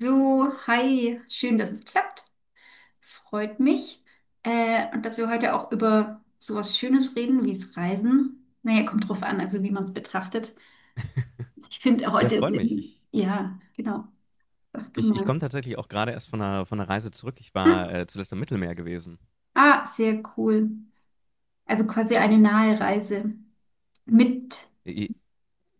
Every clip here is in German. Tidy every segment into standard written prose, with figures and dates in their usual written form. So, hi, schön, dass es klappt. Freut mich. Und dass wir heute auch über sowas Schönes reden, wie es Reisen. Naja, kommt drauf an, also wie man es betrachtet. Ich finde, Ja, heute ist freut mich. irgendwie, Ich, ja, genau. Sag du ich, ich mal. komme tatsächlich auch gerade erst von einer Reise zurück. Ich Hm. war zuletzt im Mittelmeer gewesen. Ah, sehr cool. Also quasi eine nahe Reise mit, I-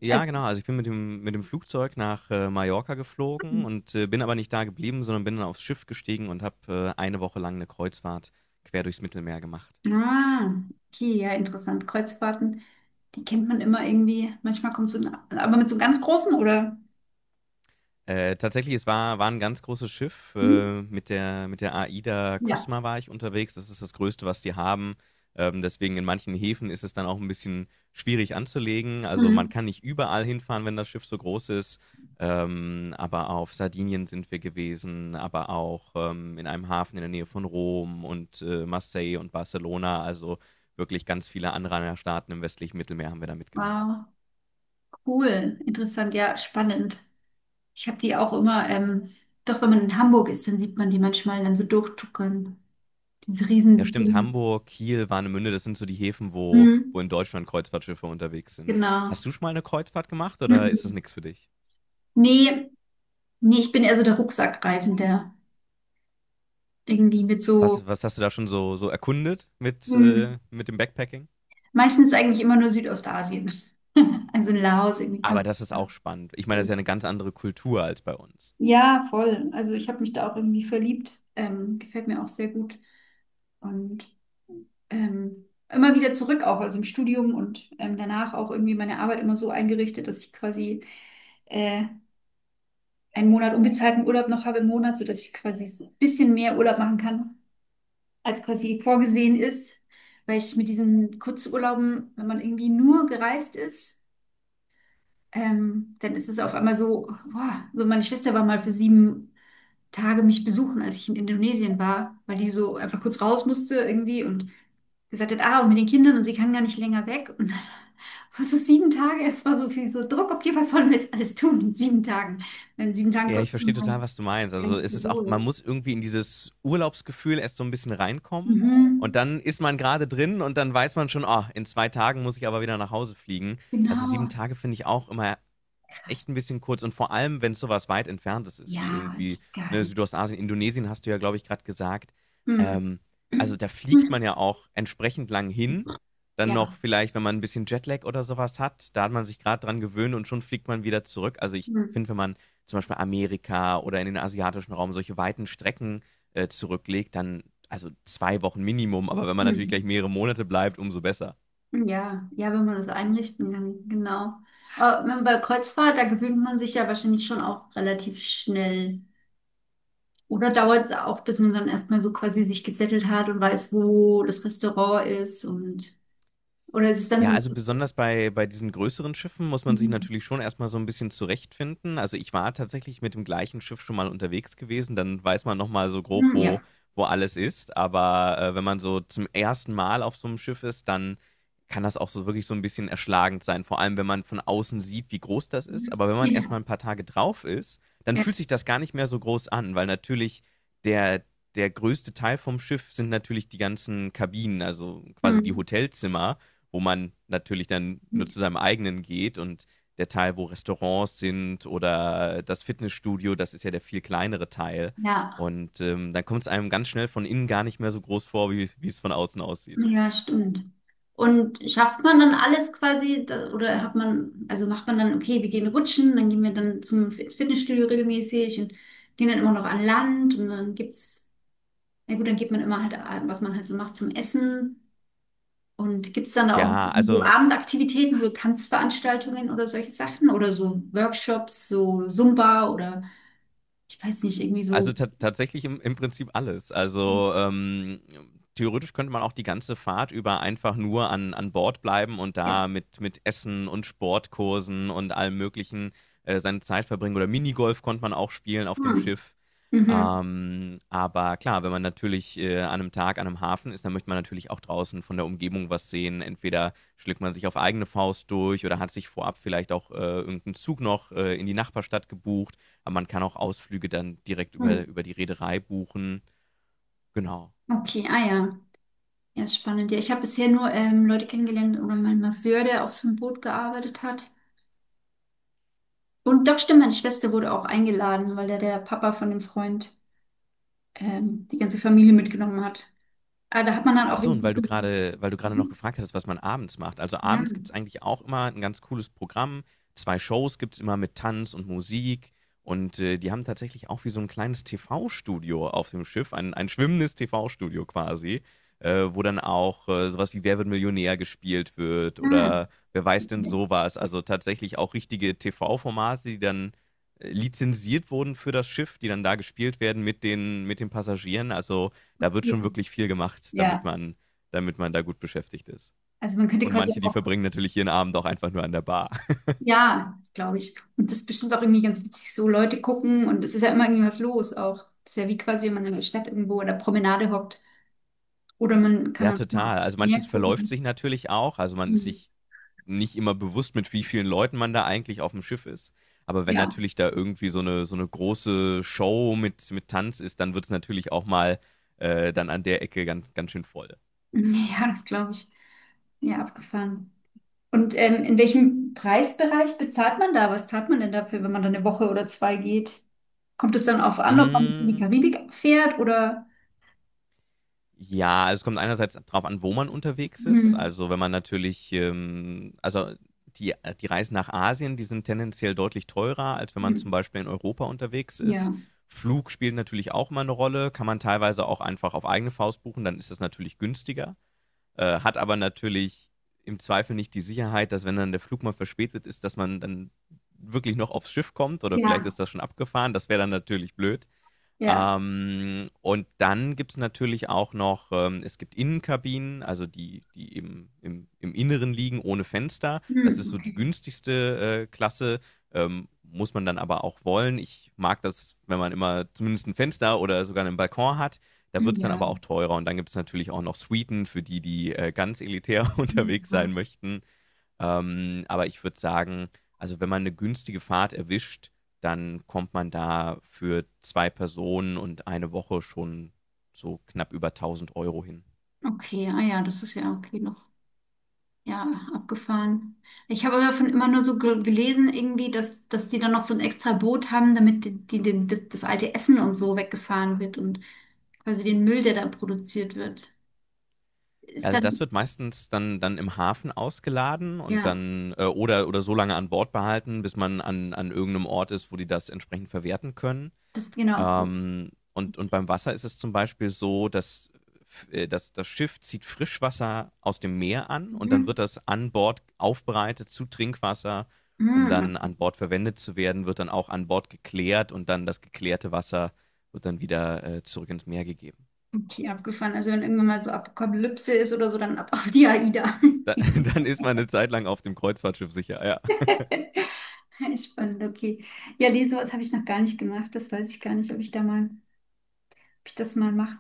Ja, also, genau. Also ich bin mit dem Flugzeug nach Mallorca geflogen und bin aber nicht da geblieben, sondern bin dann aufs Schiff gestiegen und habe eine Woche lang eine Kreuzfahrt quer durchs Mittelmeer gemacht. ah, okay, ja, interessant. Kreuzfahrten, die kennt man immer irgendwie. Manchmal kommt so, ein- aber mit so einem ganz großen, oder? Tatsächlich, es war ein ganz großes Schiff. Hm? Mit der AIDA Ja. Cosma war ich unterwegs. Das ist das Größte, was die haben. Deswegen in manchen Häfen ist es dann auch ein bisschen schwierig anzulegen. Also man Hm. kann nicht überall hinfahren, wenn das Schiff so groß ist. Aber auf Sardinien sind wir gewesen, aber auch in einem Hafen in der Nähe von Rom und Marseille und Barcelona. Also wirklich ganz viele Anrainerstaaten im westlichen Mittelmeer haben wir da mitgenommen. Wow. Cool, interessant, ja, spannend. Ich habe die auch immer, doch wenn man in Hamburg ist, dann sieht man die manchmal dann so durchtuckern. Diese Ja, stimmt. Riesendinger. Hamburg, Kiel, Warnemünde, das sind so die Häfen, wo, Hm, wo in Deutschland Kreuzfahrtschiffe unterwegs sind. genau. Hast du schon mal eine Kreuzfahrt gemacht oder ist das Mhm. nichts für dich? Nee, nee, ich bin eher so der Rucksackreisende. Irgendwie mit Was, so, was hast du da schon so erkundet mit, hm, äh, mit dem Backpacking? meistens eigentlich immer nur Südostasien. Also in Laos, irgendwie Aber das ist auch Kambodscha. spannend. Ich meine, das ist ja eine ganz andere Kultur als bei uns. Ja, voll. Also ich habe mich da auch irgendwie verliebt. Gefällt mir auch sehr gut. Und immer wieder zurück auch, also im Studium und danach auch irgendwie meine Arbeit immer so eingerichtet, dass ich quasi äh, einen Monat unbezahlten Urlaub noch habe im Monat, sodass ich quasi ein bisschen mehr Urlaub machen kann, als quasi vorgesehen ist. Weil ich mit diesen Kurzurlauben, wenn man irgendwie nur gereist ist, dann ist es auf einmal so, boah, so meine Schwester war mal für sieben Tage mich besuchen, als ich in Indonesien war, weil die so einfach kurz raus musste irgendwie und gesagt hat, ah, und mit den Kindern und sie kann gar nicht länger weg. Und dann, was ist sieben Tage? Es war so viel so Druck, okay, was sollen wir jetzt alles tun in sieben Tagen? Und in sieben Tagen Ja, ich kommt verstehe total, man was du meinst. gar Also nicht es zur ist auch, man Ruhe. muss irgendwie in dieses Urlaubsgefühl erst so ein bisschen reinkommen und Mhm, dann ist man gerade drin und dann weiß man schon, oh, in zwei Tagen muss ich aber wieder nach Hause fliegen. Also sieben genau. Tage finde ich auch immer Krass. echt ein bisschen kurz. Und vor allem, wenn es sowas weit entferntes ist, wie Ja, irgendwie geht gar ne, nicht. Südostasien, Indonesien, hast du ja, glaube ich, gerade gesagt. Hm. Ähm, also da fliegt man ja auch entsprechend lang hin. Dann noch Ja. vielleicht, wenn man ein bisschen Jetlag oder sowas hat, da hat man sich gerade dran gewöhnt und schon fliegt man wieder zurück. Also ich Hm. finde, wenn man zum Beispiel Amerika oder in den asiatischen Raum solche weiten Strecken zurücklegt, dann also zwei Wochen Minimum. Aber wenn man natürlich Hm. gleich mehrere Monate bleibt, umso besser. Ja, ja, wenn man das einrichten kann, genau. Aber wenn- bei Kreuzfahrt, da gewöhnt man sich ja wahrscheinlich schon auch relativ schnell. Oder dauert es auch, bis man dann erstmal so quasi sich gesettelt hat und weiß, wo das Restaurant ist und oder ist es dann so Ja, ein also besonders bei diesen größeren Schiffen muss man sich bisschen, natürlich schon erstmal so ein bisschen zurechtfinden. Also ich war tatsächlich mit dem gleichen Schiff schon mal unterwegs gewesen, dann weiß man nochmal so grob, hm, wo, ja. wo alles ist. Aber wenn man so zum ersten Mal auf so einem Schiff ist, dann kann das auch so wirklich so ein bisschen erschlagend sein. Vor allem, wenn man von außen sieht, wie groß das ist. Aber wenn man Ja. erstmal ein paar Tage drauf ist, dann Ja. fühlt sich das gar nicht mehr so groß an, weil natürlich der, der größte Teil vom Schiff sind natürlich die ganzen Kabinen, also quasi die Hm. Hotelzimmer, wo man natürlich dann nur zu seinem eigenen geht, und der Teil, wo Restaurants sind oder das Fitnessstudio, das ist ja der viel kleinere Teil. Ja. Und dann kommt es einem ganz schnell von innen gar nicht mehr so groß vor, wie es von außen aussieht. Ja, stimmt. Und schafft man dann alles quasi, da- oder hat man, also macht man dann, okay, wir gehen rutschen, dann gehen wir dann zum Fitnessstudio regelmäßig und gehen dann immer noch an Land und dann gibt's, na gut, dann geht man immer halt, was man halt so macht zum Essen. Und gibt's dann da auch Ja, so also, Abendaktivitäten, so Tanzveranstaltungen oder solche Sachen oder so Workshops, so Zumba oder ich weiß nicht, irgendwie also so. Tatsächlich im Prinzip alles. Also theoretisch könnte man auch die ganze Fahrt über einfach nur an Bord bleiben und Ja. da mit Essen und Sportkursen und allem Möglichen seine Zeit verbringen. Oder Minigolf konnte man auch spielen auf dem Hm. Schiff. Mhm. Aber klar, wenn man natürlich an einem Tag an einem Hafen ist, dann möchte man natürlich auch draußen von der Umgebung was sehen. Entweder schlägt man sich auf eigene Faust durch oder hat sich vorab vielleicht auch irgend Zug noch in die Nachbarstadt gebucht. Aber man kann auch Ausflüge dann direkt Hm. Über die Reederei buchen. Genau. Okay, ah ja. Ja, spannend. Ja, ich habe bisher nur Leute kennengelernt oder meinen Masseur, der auf so einem Boot gearbeitet hat. Und doch, stimmt, meine Schwester wurde auch eingeladen, weil da der Papa von dem Freund die ganze Familie mitgenommen hat. Ah, da hat man dann Ach auch so, und wenigstens so. Weil du gerade noch Mhm. gefragt hattest, was man abends macht. Also Ja. abends gibt es eigentlich auch immer ein ganz cooles Programm. Zwei Shows gibt es immer mit Tanz und Musik. Und die haben tatsächlich auch wie so ein kleines TV-Studio auf dem Schiff, ein schwimmendes TV-Studio quasi, wo dann auch sowas wie Wer wird Millionär gespielt wird Ah, oder wer weiß denn sowas. Also tatsächlich auch richtige TV-Formate, die dann lizenziert wurden für das Schiff, die dann da gespielt werden mit den Passagieren. Also da wird schon okay. wirklich viel gemacht, damit Ja, man, damit man da gut beschäftigt ist. also man könnte Und quasi manche, die auch, verbringen natürlich ihren Abend auch einfach nur an der Bar. ja, das glaube ich. Und das ist bestimmt auch irgendwie ganz witzig, so Leute gucken und es ist ja immer irgendwas los auch. Das ist ja wie quasi, wenn man in der Stadt irgendwo oder Promenade hockt. Oder man kann Ja, dann auch total. aufs Also manches Meer verläuft sich gucken. natürlich auch. Also man ist Mhm. sich nicht immer bewusst, mit wie vielen Leuten man da eigentlich auf dem Schiff ist. Aber wenn Ja. natürlich da irgendwie so eine große Show mit Tanz ist, dann wird es natürlich auch mal dann an der Ecke ganz, ganz schön voll. Ja, das glaube ich. Ja, abgefahren. Und in welchem Preisbereich bezahlt man da? Was zahlt man denn dafür, wenn man da eine Woche oder zwei geht? Kommt es dann auf an, ob man in die Mm, Karibik fährt oder? Ja, also es kommt einerseits darauf an, wo man unterwegs ist. Hm. Also, wenn man natürlich, also die die Reisen nach Asien, die sind tendenziell deutlich teurer, als wenn man zum Hm. Beispiel in Europa unterwegs ist. Ja, Flug spielt natürlich auch immer eine Rolle, kann man teilweise auch einfach auf eigene Faust buchen, dann ist das natürlich günstiger, hat aber natürlich im Zweifel nicht die Sicherheit, dass, wenn dann der Flug mal verspätet ist, dass man dann wirklich noch aufs Schiff kommt oder vielleicht ja, ist das schon abgefahren. Das wäre dann natürlich blöd. ja. Und dann gibt es natürlich auch noch, es gibt Innenkabinen, also die, die eben im Inneren liegen, ohne Fenster. Das Hm. ist so die Okay. günstigste Klasse. Muss man dann aber auch wollen. Ich mag das, wenn man immer zumindest ein Fenster oder sogar einen Balkon hat. Da wird es dann aber Ja. auch teurer. Und dann gibt es natürlich auch noch Suiten für die, die ganz elitär Hm. unterwegs sein Ah, möchten. Aber ich würde sagen, also wenn man eine günstige Fahrt erwischt, dann kommt man da für zwei Personen und eine Woche schon so knapp über 1000 Euro hin. okay, ah ja, das ist ja okay noch. Ja, abgefahren. Ich habe davon immer nur so ge- gelesen, irgendwie, dass, dass die dann noch so ein extra Boot haben, damit die, die, den- das, das alte Essen und so weggefahren wird und quasi den Müll, der da produziert wird. Ist Also das dann, wird meistens dann im Hafen ausgeladen und ja, dann oder so lange an Bord behalten, bis man an irgendeinem Ort ist, wo die das entsprechend verwerten können. das genau. Und beim Wasser ist es zum Beispiel so, dass das Schiff zieht Frischwasser aus dem Meer an und dann Mhm. wird das an Bord aufbereitet zu Trinkwasser, um Mhm. dann Okay, an Bord verwendet zu werden, wird dann auch an Bord geklärt und dann das geklärte Wasser wird dann wieder zurück ins Meer gegeben. okay, abgefahren. Also wenn irgendwann mal so Apokalypse ist oder so, dann ab auf die AIDA. Dann ist man eine Zeit lang auf dem Kreuzfahrtschiff sicher, ja. Spannend, okay. Ja, nee, sowas habe ich noch gar nicht gemacht. Das weiß ich gar nicht, ob ich da mal, ob ich das mal mache.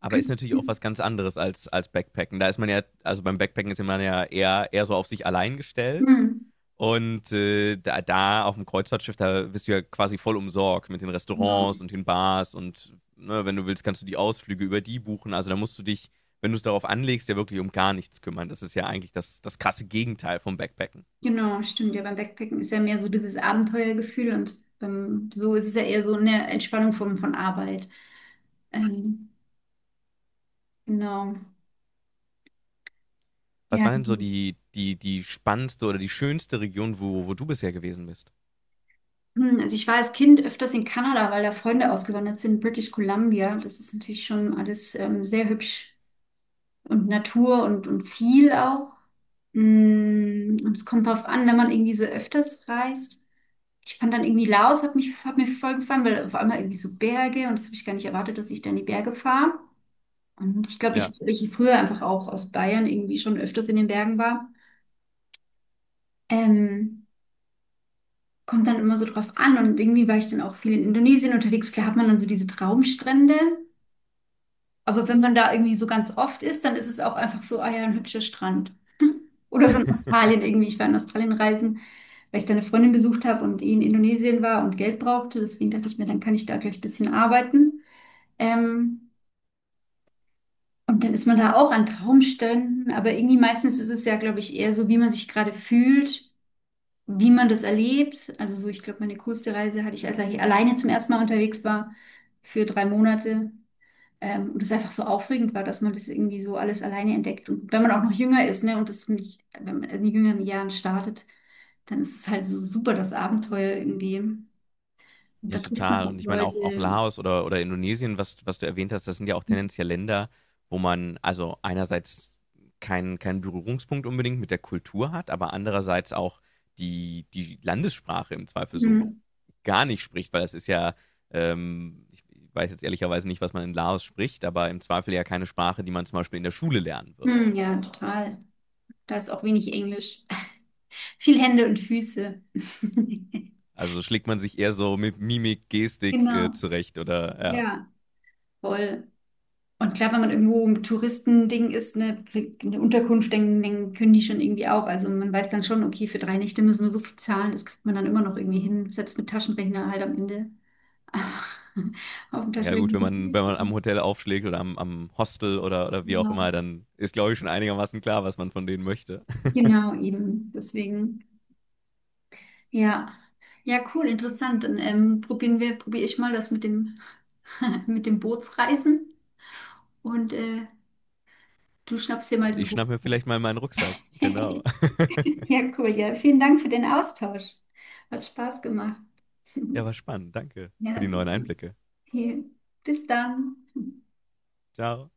Aber ist natürlich auch was ganz anderes als, Backpacken. Da ist man ja, also beim Backpacken ist man ja eher so auf sich allein gestellt. Hm. Und da auf dem Kreuzfahrtschiff, da bist du ja quasi voll umsorgt mit den Restaurants Ja. und den Bars und, ne, wenn du willst, kannst du die Ausflüge über die buchen. Also da musst du dich, wenn du es darauf anlegst, ja wirklich um gar nichts kümmern. Das ist ja eigentlich das, das krasse Gegenteil vom Backpacken. Genau, stimmt. Ja, beim Backpacken ist ja mehr so dieses Abenteuergefühl und beim, so ist es ja eher so eine Entspannung von Arbeit. Ähm, genau. Was Ja. war denn so die, die, die spannendste oder die schönste Region, wo du bisher gewesen bist? Hm, also ich war als Kind öfters in Kanada, weil da Freunde ausgewandert sind, British Columbia. Das ist natürlich schon alles sehr hübsch und Natur und viel auch. Mm, und es kommt drauf an, wenn man irgendwie so öfters reist. Ich fand dann irgendwie Laos, hat mich, hat mir voll gefallen, weil auf einmal irgendwie so Berge und das habe ich gar nicht erwartet, dass ich dann in die Berge fahre. Und ich glaube, ich, Ja. weil ich früher einfach auch aus Bayern irgendwie schon öfters in den Bergen war. Ähm, kommt dann immer so drauf an. Und irgendwie war ich dann auch viel in Indonesien unterwegs. Klar hat man dann so diese Traumstrände. Aber wenn man da irgendwie so ganz oft ist, dann ist es auch einfach so, ah ja, ein hübscher Strand. Oder so in Australien irgendwie. Ich war in Australien reisen, weil ich da eine Freundin besucht habe und die in Indonesien war und Geld brauchte. Deswegen dachte ich mir, dann kann ich da gleich ein bisschen arbeiten. Ähm, und dann ist man da auch an Traumstränden. Aber irgendwie meistens ist es ja, glaube ich, eher so, wie man sich gerade fühlt. Wie man das erlebt. Also so, ich glaube, meine coolste Reise hatte ich, als ich alleine zum ersten Mal unterwegs war für drei Monate. Und es einfach so aufregend war, dass man das irgendwie so alles alleine entdeckt. Und wenn man auch noch jünger ist, ne, und das nicht, wenn man in jüngeren Jahren startet, dann ist es halt so super, das Abenteuer irgendwie. Und Ja, da trifft man total. auch Und ich meine auch Leute. Laos oder Indonesien, was, was du erwähnt hast, das sind ja auch tendenziell Länder, wo man also einerseits keinen Berührungspunkt unbedingt mit der Kultur hat, aber andererseits auch die, die Landessprache im Zweifel Hm. so gar nicht spricht, weil das ist ja, ich weiß jetzt ehrlicherweise nicht, was man in Laos spricht, aber im Zweifel ja keine Sprache, die man zum Beispiel in der Schule lernen würde. Hm, ja, total. Da ist auch wenig Englisch. Viel Hände und Füße. Also schlägt man sich eher so mit Mimik, Gestik Genau. zurecht, oder ja. Ja, voll. Und klar, wenn man irgendwo im Touristending ist, eine Unterkunft, dann, dann können die schon irgendwie auch. Also man weiß dann schon, okay, für drei Nächte müssen wir so viel zahlen, das kriegt man dann immer noch irgendwie hin, selbst mit Taschenrechner halt am Ende. Aber auf dem Ja gut, Taschenrechner wenn gibt's man, nicht. wenn man am Hotel aufschlägt oder am Hostel oder wie auch Ja, immer, dann ist, glaube ich, schon einigermaßen klar, was man von denen möchte. genau, eben. Deswegen, ja. Ja, cool, interessant. Dann probieren wir, probiere ich mal das mit dem, mit dem Bootsreisen und du schnappst dir mal Und den ich schnapp mir Rucksack. vielleicht mal meinen Rucksack. Genau. Ja, cool. Ja, vielen Dank für den Austausch. Hat Spaß gemacht. Ja, war spannend. Danke für Ja, die neuen super. Einblicke. Okay. Bis dann. Ciao.